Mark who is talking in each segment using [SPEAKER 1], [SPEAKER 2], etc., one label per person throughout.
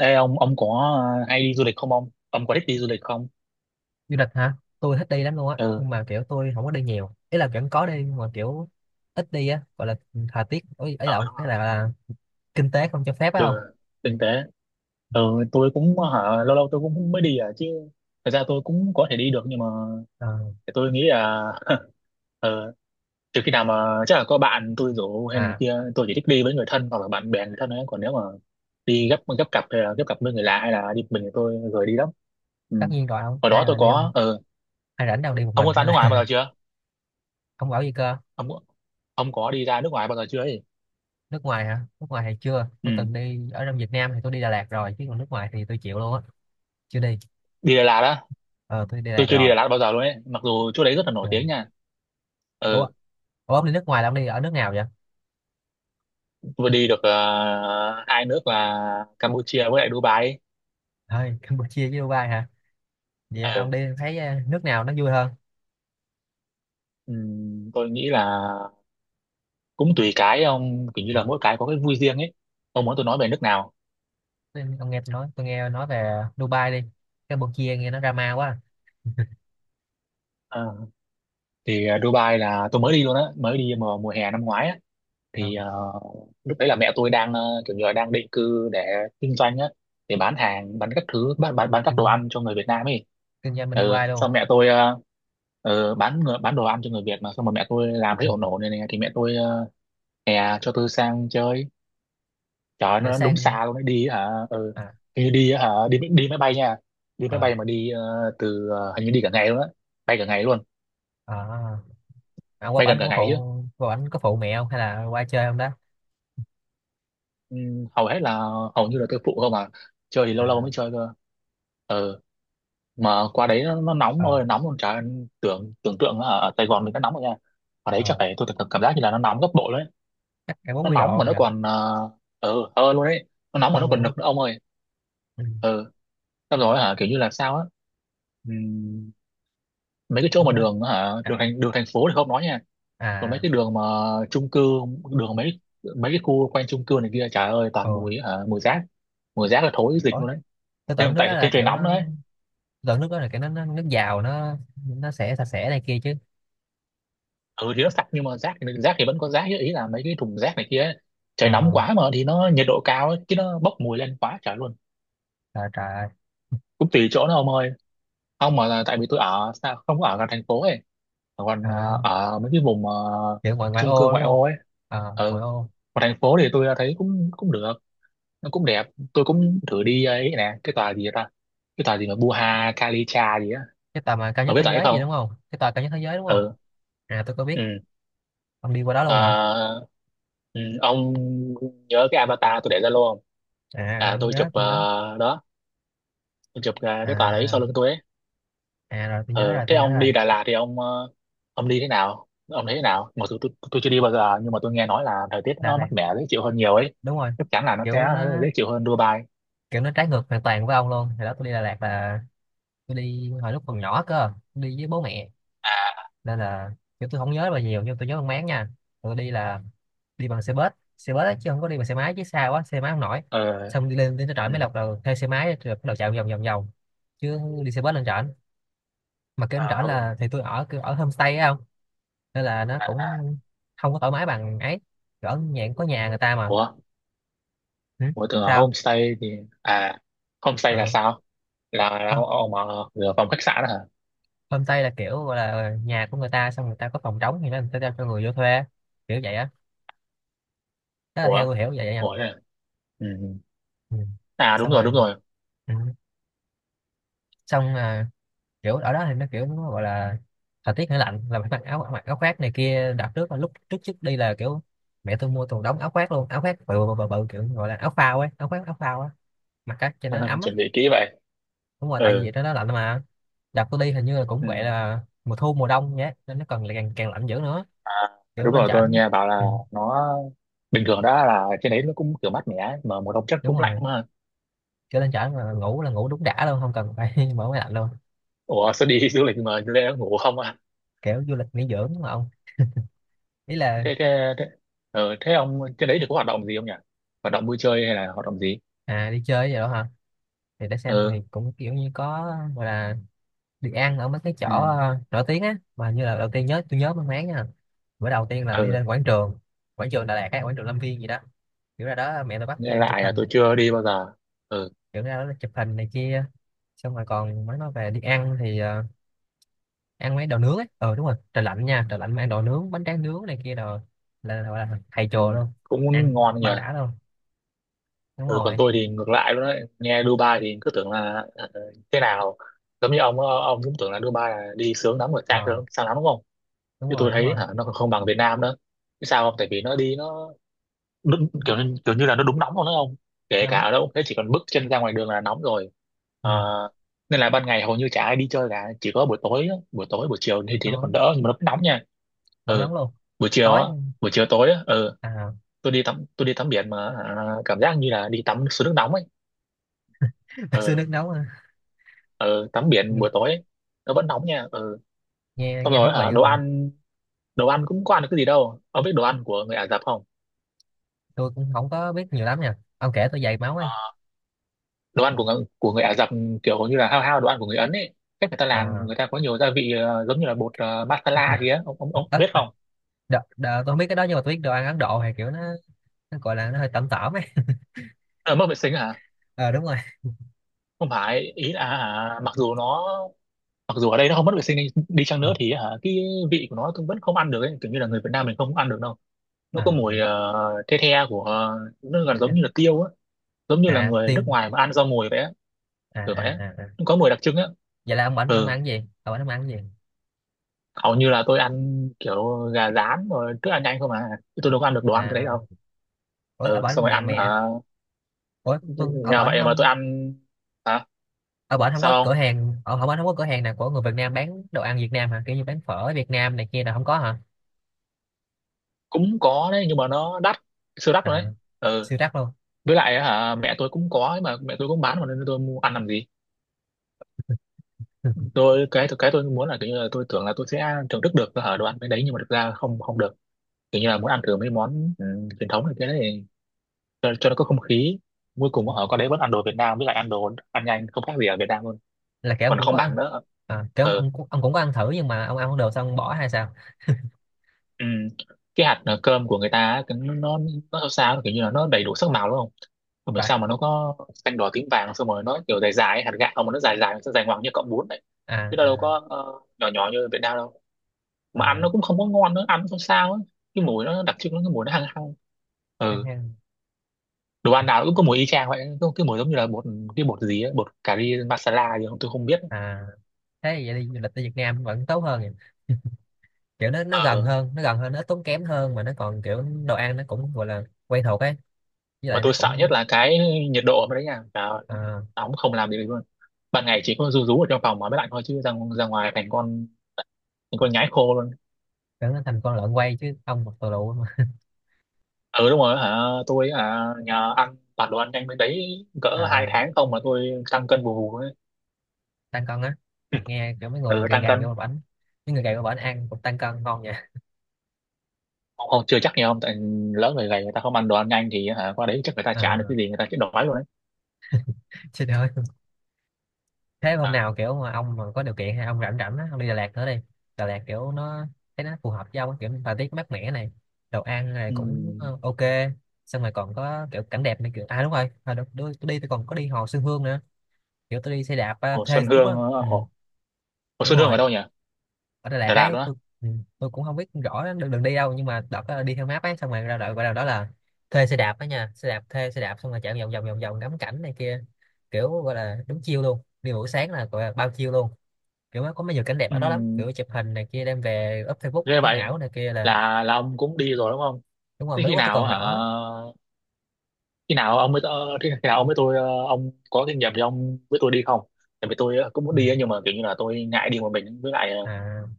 [SPEAKER 1] Ê ông có hay đi du lịch không ông? Ông có thích đi du lịch không?
[SPEAKER 2] Du lịch hả? Tôi thích đi lắm luôn á,
[SPEAKER 1] Ừ,
[SPEAKER 2] nhưng mà kiểu tôi không có đi nhiều. Ý là vẫn có đi nhưng mà kiểu ít đi á, gọi là thời tiết ấy ấy là
[SPEAKER 1] ờ đúng rồi.
[SPEAKER 2] kinh tế không cho phép phải
[SPEAKER 1] Được,
[SPEAKER 2] không?
[SPEAKER 1] kinh tế. Ừ, tôi cũng hả, lâu lâu tôi cũng mới đi à chứ. Thật ra tôi cũng có thể đi được nhưng mà
[SPEAKER 2] Ờ,
[SPEAKER 1] tôi nghĩ là ờ, trừ khi nào mà chắc là có bạn tôi rủ hay này
[SPEAKER 2] à,
[SPEAKER 1] kia, tôi chỉ thích đi với người thân hoặc là bạn bè người thân ấy. Còn nếu mà đi gấp gấp cặp hay là gấp cặp với người lạ hay là đi một mình thì tôi lười đi lắm.
[SPEAKER 2] Tất
[SPEAKER 1] Ừ.
[SPEAKER 2] nhiên rồi, không
[SPEAKER 1] Hồi đó
[SPEAKER 2] ai
[SPEAKER 1] tôi
[SPEAKER 2] mà đi không?
[SPEAKER 1] có, ừ.
[SPEAKER 2] Ai rảnh đâu đi một
[SPEAKER 1] Ông
[SPEAKER 2] mình
[SPEAKER 1] có ra
[SPEAKER 2] hay
[SPEAKER 1] nước
[SPEAKER 2] là
[SPEAKER 1] ngoài bao giờ chưa?
[SPEAKER 2] không bảo gì cơ?
[SPEAKER 1] Ông ông có đi ra nước ngoài bao giờ chưa ấy?
[SPEAKER 2] Nước ngoài hả? Nước ngoài thì chưa,
[SPEAKER 1] Ừ.
[SPEAKER 2] tôi từng đi ở trong Việt Nam thì tôi đi Đà Lạt rồi, chứ còn nước ngoài thì tôi chịu luôn á, chưa đi.
[SPEAKER 1] Đi Đà Lạt á,
[SPEAKER 2] Ờ, tôi đi Đà Lạt
[SPEAKER 1] tôi chưa đi
[SPEAKER 2] rồi.
[SPEAKER 1] Đà Lạt bao giờ luôn ấy mặc dù chỗ đấy rất là nổi
[SPEAKER 2] Ờ.
[SPEAKER 1] tiếng nha.
[SPEAKER 2] Ủa.
[SPEAKER 1] Ừ,
[SPEAKER 2] Ủa ông đi nước ngoài là ông đi ở nước nào vậy?
[SPEAKER 1] vừa đi được hai nước là Campuchia với lại Dubai ấy.
[SPEAKER 2] Thôi, Campuchia với Dubai hả? Vậy ông
[SPEAKER 1] Ừ.
[SPEAKER 2] đi thấy nước nào nó vui hơn?
[SPEAKER 1] Tôi nghĩ là cũng tùy cái ông, kiểu như
[SPEAKER 2] Ờ.
[SPEAKER 1] là mỗi cái có cái vui riêng ấy. Ông muốn tôi nói về nước nào?
[SPEAKER 2] Nên ông nghe tôi nói, tôi nghe nói về Dubai đi. Campuchia nghe nó drama quá.
[SPEAKER 1] Ờ, thì Dubai là tôi mới đi luôn á, mới đi mùa mùa hè năm ngoái á.
[SPEAKER 2] À,
[SPEAKER 1] Thì lúc đấy là mẹ tôi đang kiểu như là đang định cư để kinh doanh á, để bán hàng, bán các thứ, bán các đồ
[SPEAKER 2] kinh,
[SPEAKER 1] ăn cho người Việt Nam ấy.
[SPEAKER 2] kinh doanh bên Dubai
[SPEAKER 1] Ừ,
[SPEAKER 2] luôn.
[SPEAKER 1] xong mẹ tôi bán đồ ăn cho người Việt. Mà xong rồi mẹ tôi làm thấy
[SPEAKER 2] Ừ,
[SPEAKER 1] ổn ổn này, này, thì mẹ tôi hè cho tôi sang chơi. Trời ơi,
[SPEAKER 2] kiểu
[SPEAKER 1] nó đúng
[SPEAKER 2] sang.
[SPEAKER 1] xa luôn đấy, đi hả, ừ.
[SPEAKER 2] À.
[SPEAKER 1] Hình như đi hả, đi đi máy bay nha. Đi máy
[SPEAKER 2] ờ,
[SPEAKER 1] bay mà đi từ hình như đi cả ngày luôn á. Bay cả ngày luôn.
[SPEAKER 2] à, qua
[SPEAKER 1] Bay
[SPEAKER 2] bển
[SPEAKER 1] gần
[SPEAKER 2] ông
[SPEAKER 1] cả
[SPEAKER 2] có
[SPEAKER 1] ngày chứ.
[SPEAKER 2] phụ, qua bển có phụ mẹ không hay là qua chơi không đó?
[SPEAKER 1] Ừ, hầu hết là hầu như là tôi phụ không à, chơi thì
[SPEAKER 2] à,
[SPEAKER 1] lâu lâu mới chơi cơ. Ờ mà qua đấy nó nóng
[SPEAKER 2] ờ,
[SPEAKER 1] ơi nóng luôn chả. Tưởng tưởng tượng là ở ở Sài Gòn mình nó nóng rồi nha. Ở đấy chắc
[SPEAKER 2] ờ,
[SPEAKER 1] phải, tôi cảm cảm giác như là nó nóng gấp bội đấy.
[SPEAKER 2] chắc cả
[SPEAKER 1] Nó
[SPEAKER 2] 40
[SPEAKER 1] nóng
[SPEAKER 2] độ
[SPEAKER 1] mà
[SPEAKER 2] không
[SPEAKER 1] nó
[SPEAKER 2] nhỉ?
[SPEAKER 1] còn ờ hơn luôn đấy. Nó nóng mà
[SPEAKER 2] Hơn
[SPEAKER 1] nó còn
[SPEAKER 2] luôn
[SPEAKER 1] nực nữa ông ơi.
[SPEAKER 2] á. Ừ.
[SPEAKER 1] Ờ xong rồi hả, kiểu như là sao á? Ừm, mấy cái chỗ mà
[SPEAKER 2] Đúng đó. À,
[SPEAKER 1] đường thành phố thì không nói nha. Còn mấy
[SPEAKER 2] à.
[SPEAKER 1] cái đường mà chung cư, đường mấy mấy cái khu quanh chung cư này kia trời ơi toàn
[SPEAKER 2] Ờ.
[SPEAKER 1] mùi rác. Mùi rác là thối dịch
[SPEAKER 2] Ủa,
[SPEAKER 1] luôn đấy,
[SPEAKER 2] tôi tưởng nước đó là
[SPEAKER 1] thêm trời
[SPEAKER 2] kiểu
[SPEAKER 1] nóng nữa
[SPEAKER 2] nó,
[SPEAKER 1] ấy.
[SPEAKER 2] tôi tưởng nước đó là kiểu nó nước giàu, nó sẽ sạch sẽ này kia chứ.
[SPEAKER 1] Ừ thì nó sạch nhưng mà rác thì vẫn có rác chứ, ý là mấy cái thùng rác này kia ấy. Trời nóng
[SPEAKER 2] Ờ,
[SPEAKER 1] quá mà thì nó nhiệt độ cao ấy, chứ nó bốc mùi lên quá trời luôn.
[SPEAKER 2] trời trời.
[SPEAKER 1] Cũng tùy chỗ nó ông ơi, không mà là tại vì tôi ở sao không có ở gần thành phố ấy, còn
[SPEAKER 2] À,
[SPEAKER 1] ở mấy cái vùng
[SPEAKER 2] kiểu ngoại ngoại
[SPEAKER 1] chung cư
[SPEAKER 2] ô đúng
[SPEAKER 1] ngoại
[SPEAKER 2] không?
[SPEAKER 1] ô ấy.
[SPEAKER 2] Ờ, ngoại
[SPEAKER 1] Ừ,
[SPEAKER 2] ô.
[SPEAKER 1] còn thành phố thì tôi thấy cũng cũng được, nó cũng đẹp. Tôi cũng thử đi ấy nè, cái tòa gì ta? Cái tòa gì mà Buha Kalicha gì á.
[SPEAKER 2] Cái tòa mà cao
[SPEAKER 1] Ông
[SPEAKER 2] nhất
[SPEAKER 1] biết
[SPEAKER 2] thế
[SPEAKER 1] tòa ấy
[SPEAKER 2] giới gì
[SPEAKER 1] không?
[SPEAKER 2] đúng không, cái tòa cao nhất thế giới đúng không?
[SPEAKER 1] Ừ.
[SPEAKER 2] À tôi có biết.
[SPEAKER 1] Ừ.
[SPEAKER 2] Ông đi qua đó
[SPEAKER 1] Ờ,
[SPEAKER 2] luôn hả?
[SPEAKER 1] ừ, ông nhớ cái avatar tôi để ra luôn không?
[SPEAKER 2] À
[SPEAKER 1] À,
[SPEAKER 2] tôi nhớ, tôi nhớ.
[SPEAKER 1] đó, tôi chụp cái tòa đấy sau
[SPEAKER 2] À
[SPEAKER 1] lưng tôi ấy.
[SPEAKER 2] à, rồi tôi nhớ
[SPEAKER 1] Ờ,
[SPEAKER 2] rồi,
[SPEAKER 1] thế
[SPEAKER 2] tôi nhớ
[SPEAKER 1] ông
[SPEAKER 2] rồi.
[SPEAKER 1] đi Đà Lạt thì ông đi thế nào? Ông thấy thế nào? Mặc dù tôi chưa đi bao giờ nhưng mà tôi nghe nói là thời tiết
[SPEAKER 2] Đà
[SPEAKER 1] nó mát
[SPEAKER 2] Lạt,
[SPEAKER 1] mẻ dễ chịu hơn nhiều ấy.
[SPEAKER 2] đúng rồi.
[SPEAKER 1] Chắc chắn là nó
[SPEAKER 2] kiểu
[SPEAKER 1] sẽ
[SPEAKER 2] nó
[SPEAKER 1] dễ chịu hơn Dubai.
[SPEAKER 2] kiểu nó trái ngược hoàn toàn với ông luôn. Hồi đó tôi đi Đà Lạt là tôi đi hồi lúc còn nhỏ cơ, tôi đi với bố mẹ,
[SPEAKER 1] À,
[SPEAKER 2] nên là kiểu tôi không nhớ bao nhiêu nhưng tôi nhớ mang máng nha. Tôi đi là đi bằng xe bus, xe bus á, chứ không có đi bằng xe máy, chứ xa quá xe máy không nổi.
[SPEAKER 1] ờ,
[SPEAKER 2] Xong đi lên đến trên trển
[SPEAKER 1] ừ,
[SPEAKER 2] mới lọc là thuê xe máy rồi bắt đầu chạy vòng vòng vòng chứ. Đi xe bus lên trển mà cái anh rõ
[SPEAKER 1] ờ,
[SPEAKER 2] là thì tôi ở kiểu ở homestay á không, nên là nó
[SPEAKER 1] à, à.
[SPEAKER 2] cũng không có thoải mái bằng ấy, ở nhà có nhà người ta mà.
[SPEAKER 1] Ủa,
[SPEAKER 2] Ừ.
[SPEAKER 1] Ủa, tưởng là
[SPEAKER 2] Sao.
[SPEAKER 1] homestay thì à? Homestay là
[SPEAKER 2] Ừ.
[SPEAKER 1] sao? Là
[SPEAKER 2] Ho-
[SPEAKER 1] ông ở phòng khách sạn đó hả?
[SPEAKER 2] Homestay là kiểu gọi là nhà của người ta, xong người ta có phòng trống thì nó người ta cho người vô thuê, kiểu vậy á. Đó là theo
[SPEAKER 1] Ủa,
[SPEAKER 2] tôi hiểu vậy nha.
[SPEAKER 1] Ủa thế à? Ừ. Ừ.
[SPEAKER 2] Ừ.
[SPEAKER 1] À, đúng
[SPEAKER 2] Xong
[SPEAKER 1] rồi, đúng
[SPEAKER 2] rồi.
[SPEAKER 1] rồi.
[SPEAKER 2] Ừ. Xong kiểu ở đó thì nó kiểu nó gọi là thời tiết nó lạnh là phải mặc áo khoác này kia. Đợt trước là lúc trước trước đi là kiểu mẹ tôi mua toàn đống áo khoác luôn, áo khoác bự bự bự, bự kiểu gọi là áo phao ấy, áo khoác áo phao á, mặc cái cho nó ấm á.
[SPEAKER 1] Chuẩn bị kỹ vậy.
[SPEAKER 2] Đúng rồi, tại vì
[SPEAKER 1] Ừ,
[SPEAKER 2] trên đó lạnh mà. Đợt tôi đi hình như là cũng
[SPEAKER 1] ừ.
[SPEAKER 2] vậy là mùa thu mùa đông nhé, nên nó còn lại càng càng lạnh dữ nữa.
[SPEAKER 1] À, đúng
[SPEAKER 2] Kiểu lên
[SPEAKER 1] rồi, tôi
[SPEAKER 2] trển.
[SPEAKER 1] nghe bảo là
[SPEAKER 2] Ừ,
[SPEAKER 1] nó bình thường đó là trên đấy nó cũng kiểu mát mẻ mà mùa đông chắc
[SPEAKER 2] đúng
[SPEAKER 1] cũng lạnh
[SPEAKER 2] rồi.
[SPEAKER 1] mà.
[SPEAKER 2] Kiểu lên trển mà ngủ là ngủ đúng đã luôn, không cần phải mở máy lạnh luôn.
[SPEAKER 1] Ủa sao đi du lịch mà lẽ ngủ không à?
[SPEAKER 2] Kiểu du lịch nghỉ dưỡng mà ông. Ý là.
[SPEAKER 1] Thế thế thế, ừ, thế ông trên đấy thì có hoạt động gì không nhỉ? Hoạt động vui chơi hay là hoạt động gì?
[SPEAKER 2] À đi chơi vậy đó hả? Thì để xem
[SPEAKER 1] Ừ.
[SPEAKER 2] thì cũng kiểu như có gọi là đi ăn ở mấy cái chỗ
[SPEAKER 1] Ừ.
[SPEAKER 2] nổi tiếng á. Mà như là đầu tiên nhớ, tôi nhớ mang máng nha, bữa đầu tiên là đi
[SPEAKER 1] Ừ.
[SPEAKER 2] lên quảng trường, quảng trường Đà Lạt, cái quảng trường Lâm Viên gì đó. Kiểu ra đó mẹ tôi bắt
[SPEAKER 1] Nghe
[SPEAKER 2] tôi chụp
[SPEAKER 1] lại là
[SPEAKER 2] hình,
[SPEAKER 1] tôi chưa đi bao giờ. Ừ,
[SPEAKER 2] kiểu ra đó chụp hình này kia. Xong rồi còn mới nói về đi ăn thì ăn mấy đồ nướng ấy. Ờ đúng rồi, trời lạnh nha, trời lạnh mà ăn đồ nướng, bánh tráng nướng này kia đồ, là gọi là thầy
[SPEAKER 1] ừ.
[SPEAKER 2] chùa luôn.
[SPEAKER 1] Cũng
[SPEAKER 2] Ăn
[SPEAKER 1] ngon nhỉ.
[SPEAKER 2] bao đã luôn. Đúng
[SPEAKER 1] Ừ, còn
[SPEAKER 2] rồi.
[SPEAKER 1] tôi thì ngược lại luôn đấy, nghe Dubai thì cứ tưởng là thế nào, giống như ông cũng tưởng là Dubai là đi sướng lắm rồi, sang
[SPEAKER 2] Ờ
[SPEAKER 1] sướng sang lắm đúng không.
[SPEAKER 2] đúng
[SPEAKER 1] Chứ
[SPEAKER 2] rồi,
[SPEAKER 1] tôi
[SPEAKER 2] đúng
[SPEAKER 1] thấy
[SPEAKER 2] rồi.
[SPEAKER 1] hả, nó còn không bằng Việt Nam nữa. Chứ sao không, tại vì nó đi nó đúng, kiểu như là nó đúng nóng luôn đó không, kể cả
[SPEAKER 2] Nóng.
[SPEAKER 1] ở đâu cũng thế, chỉ cần bước chân ra ngoài đường là nóng rồi.
[SPEAKER 2] Ừ.
[SPEAKER 1] Ờ, nên là ban ngày hầu như chả ai đi chơi cả, chỉ có buổi tối á, buổi tối buổi chiều
[SPEAKER 2] Buổi
[SPEAKER 1] thì nó
[SPEAKER 2] tối
[SPEAKER 1] còn đỡ nhưng mà nó vẫn nóng nha.
[SPEAKER 2] vẫn nóng
[SPEAKER 1] Ừ,
[SPEAKER 2] luôn.
[SPEAKER 1] buổi chiều
[SPEAKER 2] Tối.
[SPEAKER 1] á, buổi chiều tối á, ừ.
[SPEAKER 2] À.
[SPEAKER 1] Tôi đi tắm biển mà cảm giác như là đi tắm suối nước nóng ấy.
[SPEAKER 2] Sư
[SPEAKER 1] ờ
[SPEAKER 2] nước nóng à.
[SPEAKER 1] ờ tắm biển
[SPEAKER 2] Nghe
[SPEAKER 1] buổi tối ấy, nó vẫn nóng nha. ờ
[SPEAKER 2] nghe
[SPEAKER 1] xong
[SPEAKER 2] Nghe
[SPEAKER 1] rồi
[SPEAKER 2] thú
[SPEAKER 1] hả,
[SPEAKER 2] vị quá
[SPEAKER 1] đồ
[SPEAKER 2] nhỉ.
[SPEAKER 1] ăn, đồ ăn cũng có ăn được cái gì đâu, ông biết đồ ăn của người Ả Rập không?
[SPEAKER 2] Tôi cũng không có biết nhiều lắm nha, ông kể tôi dày máu ấy.
[SPEAKER 1] Đồ ăn của người Ả Rập kiểu như là hao hao đồ ăn của người Ấn ấy. Cách người ta làm,
[SPEAKER 2] À,
[SPEAKER 1] người ta có nhiều gia vị giống như là bột masala gì á, ông
[SPEAKER 2] đ,
[SPEAKER 1] biết không?
[SPEAKER 2] đ, đ, tôi không biết cái đó, nhưng mà tôi biết đồ ăn Ấn Độ hay kiểu nó gọi là nó hơi tẩm tẩm ấy.
[SPEAKER 1] Ờ, mất vệ sinh hả?
[SPEAKER 2] Ờ đúng rồi.
[SPEAKER 1] Không phải, ý là hả, mặc dù nó, mặc dù ở đây nó không mất vệ sinh đi, đi chăng nữa thì hả, cái vị của nó tôi vẫn không ăn được ấy, kiểu như là người Việt Nam mình không ăn được đâu. Nó
[SPEAKER 2] À
[SPEAKER 1] có
[SPEAKER 2] mà.
[SPEAKER 1] mùi the the của nó gần giống
[SPEAKER 2] chắc-
[SPEAKER 1] như là tiêu á, giống như là
[SPEAKER 2] À
[SPEAKER 1] người
[SPEAKER 2] tiêu.
[SPEAKER 1] nước ngoài mà ăn rau mùi vậy á.
[SPEAKER 2] À
[SPEAKER 1] Kiểu
[SPEAKER 2] à
[SPEAKER 1] vậy á,
[SPEAKER 2] à à.
[SPEAKER 1] nó có mùi đặc trưng á.
[SPEAKER 2] Vậy là ông bển ông
[SPEAKER 1] Ừ,
[SPEAKER 2] ăn cái gì, ở bển ông ăn cái gì?
[SPEAKER 1] hầu như là tôi ăn kiểu gà rán rồi thức ăn nhanh không à, chứ tôi đâu có ăn được đồ
[SPEAKER 2] À
[SPEAKER 1] ăn cái đấy
[SPEAKER 2] à.
[SPEAKER 1] đâu.
[SPEAKER 2] ủa ở
[SPEAKER 1] Ừ xong
[SPEAKER 2] bển
[SPEAKER 1] rồi
[SPEAKER 2] mẹ
[SPEAKER 1] ăn
[SPEAKER 2] mẹ
[SPEAKER 1] hả,
[SPEAKER 2] ủa Tuân ở
[SPEAKER 1] nhờ
[SPEAKER 2] bển
[SPEAKER 1] vậy mà tôi
[SPEAKER 2] không?
[SPEAKER 1] ăn. Hả?
[SPEAKER 2] Ở bển không có
[SPEAKER 1] Sao
[SPEAKER 2] cửa
[SPEAKER 1] không?
[SPEAKER 2] hàng, ở bển không có cửa hàng nào của người Việt Nam bán đồ ăn Việt Nam hả, kiểu như bán phở Việt Nam này kia là không có hả?
[SPEAKER 1] Cũng có đấy nhưng mà nó đắt, siêu đắt luôn
[SPEAKER 2] À
[SPEAKER 1] đấy. Ừ.
[SPEAKER 2] siêu rắc luôn.
[SPEAKER 1] Với lại hả, mẹ tôi cũng có ấy mà, mẹ tôi cũng bán mà nên tôi mua ăn làm gì. Tôi cái tôi muốn là kiểu như là tôi tưởng là tôi sẽ thưởng thức được hả đồ ăn cái đấy nhưng mà thực ra không không được. Kiểu như là muốn ăn thử mấy món truyền thống này cái đấy, cho nó có không khí, cuối cùng ở qua đấy vẫn ăn đồ Việt Nam với lại ăn đồ ăn nhanh không khác gì ở Việt Nam luôn,
[SPEAKER 2] Là kiểu ông
[SPEAKER 1] còn
[SPEAKER 2] cũng
[SPEAKER 1] không
[SPEAKER 2] có
[SPEAKER 1] bằng
[SPEAKER 2] ăn.
[SPEAKER 1] nữa.
[SPEAKER 2] À, kiểu
[SPEAKER 1] Ừ.
[SPEAKER 2] ông ông cũng có ăn thử nhưng mà ông ăn không được xong ông bỏ hay sao?
[SPEAKER 1] Ừ. Cái hạt cơm của người ta á, nó nó sao sao kiểu như là nó đầy đủ sắc màu đúng không. Không hiểu
[SPEAKER 2] Vậy.
[SPEAKER 1] sao mà nó có xanh đỏ tím vàng xong rồi nó kiểu dài dài ấy, hạt gạo mà nó dài dài nó dài ngoằng như cọng bún đấy,
[SPEAKER 2] À
[SPEAKER 1] chứ đâu đâu
[SPEAKER 2] à.
[SPEAKER 1] có nhỏ nhỏ như ở Việt Nam đâu. Mà ăn
[SPEAKER 2] Ờ,
[SPEAKER 1] nó cũng không có ngon nữa, ăn nó không sao ấy. Cái mùi nó đặc trưng, nó cái mùi nó hăng hăng.
[SPEAKER 2] hang
[SPEAKER 1] Ừ.
[SPEAKER 2] hang.
[SPEAKER 1] Đồ ăn nào cũng có mùi y chang vậy, cái mùi giống như là bột, cái bột gì ấy, bột cà ri masala gì không tôi không biết.
[SPEAKER 2] À thế thì vậy đi du lịch tới Việt Nam vẫn tốt hơn nhỉ, kiểu nó
[SPEAKER 1] Ờ,
[SPEAKER 2] nó gần hơn, nó ít tốn kém hơn, mà nó còn kiểu đồ ăn nó cũng gọi là quen thuộc ấy, với
[SPEAKER 1] mà
[SPEAKER 2] lại nó
[SPEAKER 1] tôi sợ nhất
[SPEAKER 2] cũng.
[SPEAKER 1] là cái nhiệt độ ở bên đấy nha, và
[SPEAKER 2] À,
[SPEAKER 1] nóng không làm gì được luôn, ban ngày chỉ có rú rú ở trong phòng mà mới lạnh thôi, chứ ra ngoài thành con nhái khô luôn.
[SPEAKER 2] kiểu nó thành con lợn quay chứ không một tù lụ mà.
[SPEAKER 1] Ừ đúng rồi hả. Tôi nhờ ăn toàn đồ ăn nhanh bên đấy cỡ hai
[SPEAKER 2] À,
[SPEAKER 1] tháng không mà tôi tăng cân bù bù ấy.
[SPEAKER 2] tăng cân á? Nghe kiểu
[SPEAKER 1] Ừ tăng cân.
[SPEAKER 2] mấy người gầy vô bển ăn cũng tăng cân ngon nha.
[SPEAKER 1] Không, không, chưa chắc nhiều không, tại lỡ người gầy người ta không ăn đồ ăn nhanh thì hả, qua đấy chắc người ta trả được
[SPEAKER 2] À,
[SPEAKER 1] cái gì người ta chết đói luôn đấy.
[SPEAKER 2] xin ơi. Thế hôm nào kiểu mà ông mà có điều kiện hay ông rảnh rảnh á ông đi Đà Lạt nữa đi. Đà Lạt kiểu nó, thấy nó phù hợp với ông á, kiểu thời tiết mát mẻ này, đồ ăn này
[SPEAKER 1] Ừ.
[SPEAKER 2] cũng ok. Xong rồi còn có kiểu cảnh đẹp này kiểu. À đúng rồi hồi đó tôi đi, tôi còn có đi hồ Xuân Hương nữa, kiểu tôi đi xe đạp à,
[SPEAKER 1] Hồ
[SPEAKER 2] thuê
[SPEAKER 1] Xuân
[SPEAKER 2] đúng
[SPEAKER 1] Hương
[SPEAKER 2] đó. Ừ,
[SPEAKER 1] Hồ
[SPEAKER 2] đúng
[SPEAKER 1] Xuân Hương ở
[SPEAKER 2] rồi,
[SPEAKER 1] đâu nhỉ?
[SPEAKER 2] ở Đà Lạt
[SPEAKER 1] Đà Lạt
[SPEAKER 2] ấy.
[SPEAKER 1] luôn á?
[SPEAKER 2] Ừ, tôi cũng không biết rõ đường đi đâu, nhưng mà đợt đó đi theo map ấy, xong rồi ra đợi vào là đó là thuê xe đạp ấy nha, xe đạp thuê xe đạp xong rồi chạy vòng vòng vòng vòng ngắm cảnh này kia, kiểu gọi là đúng chiêu luôn. Đi buổi sáng là gọi là bao chiêu luôn. Kiểu nó có mấy nhiều cảnh đẹp
[SPEAKER 1] Ừ.
[SPEAKER 2] ở đó lắm, kiểu chụp hình này kia đem về up Facebook
[SPEAKER 1] Thế
[SPEAKER 2] sống
[SPEAKER 1] vậy
[SPEAKER 2] ảo này kia là.
[SPEAKER 1] là, ông cũng đi rồi đúng không?
[SPEAKER 2] Đúng rồi,
[SPEAKER 1] Thế
[SPEAKER 2] mới
[SPEAKER 1] khi
[SPEAKER 2] lúc đó tôi
[SPEAKER 1] nào
[SPEAKER 2] còn
[SPEAKER 1] hả,
[SPEAKER 2] nhỏ á.
[SPEAKER 1] khi nào ông mới khi khi nào ông với tôi ông có kinh nghiệm thì ông với tôi đi không? Tại vì tôi cũng muốn
[SPEAKER 2] Ừ.
[SPEAKER 1] đi á, nhưng mà kiểu như là tôi ngại đi một mình với lại
[SPEAKER 2] À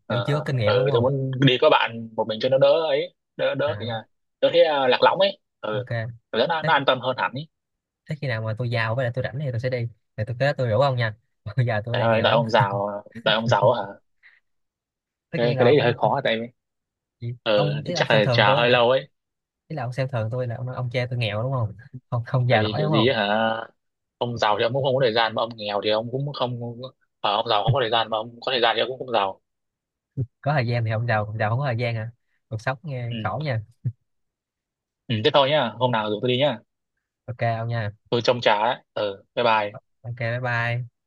[SPEAKER 2] kiểu chưa có kinh nghiệm đúng
[SPEAKER 1] ừ, tôi
[SPEAKER 2] không?
[SPEAKER 1] muốn đi có bạn một mình cho nó đỡ ấy, đỡ đỡ thì
[SPEAKER 2] À
[SPEAKER 1] là đỡ thế lạc lõng ấy, ừ.
[SPEAKER 2] ok.
[SPEAKER 1] Cảm giác
[SPEAKER 2] thế,
[SPEAKER 1] nó an tâm hơn hẳn ấy.
[SPEAKER 2] Thế khi nào mà tôi giàu với lại tôi rảnh thì tôi sẽ đi, thì tôi kế tôi rủ ông nha. Bây giờ tôi
[SPEAKER 1] Trời
[SPEAKER 2] đang
[SPEAKER 1] ơi
[SPEAKER 2] nghèo
[SPEAKER 1] đợi
[SPEAKER 2] lắm.
[SPEAKER 1] ông giàu, đợi ông giàu á hả,
[SPEAKER 2] Tất nhiên
[SPEAKER 1] cái
[SPEAKER 2] rồi
[SPEAKER 1] đấy thì hơi
[SPEAKER 2] phải.
[SPEAKER 1] khó, tại vì ừ,
[SPEAKER 2] Ông ý
[SPEAKER 1] thì
[SPEAKER 2] là ông
[SPEAKER 1] chắc
[SPEAKER 2] xem
[SPEAKER 1] là
[SPEAKER 2] thường
[SPEAKER 1] chờ
[SPEAKER 2] tôi
[SPEAKER 1] hơi
[SPEAKER 2] hả?
[SPEAKER 1] lâu ấy,
[SPEAKER 2] Ý là ông xem thường tôi là ông nói ông cha tôi nghèo đúng không, không
[SPEAKER 1] tại
[SPEAKER 2] giàu
[SPEAKER 1] vì
[SPEAKER 2] nổi
[SPEAKER 1] kiểu
[SPEAKER 2] đúng
[SPEAKER 1] gì
[SPEAKER 2] không?
[SPEAKER 1] ấy hả, ông giàu thì ông cũng không có thời gian mà ông nghèo thì ông cũng không. Ông giàu không có thời gian mà ông có thời gian thì ông cũng không giàu.
[SPEAKER 2] Có thời gian thì ông giàu còn giàu không có thời gian hả? Cuộc sống nghe khổ
[SPEAKER 1] Ừ.
[SPEAKER 2] nha.
[SPEAKER 1] Ừ, thế thôi nhá, hôm nào rủ tôi đi nhá.
[SPEAKER 2] Ok ông nha.
[SPEAKER 1] Tôi trông chả đấy. Ừ, bye bye.
[SPEAKER 2] Ok bye bye.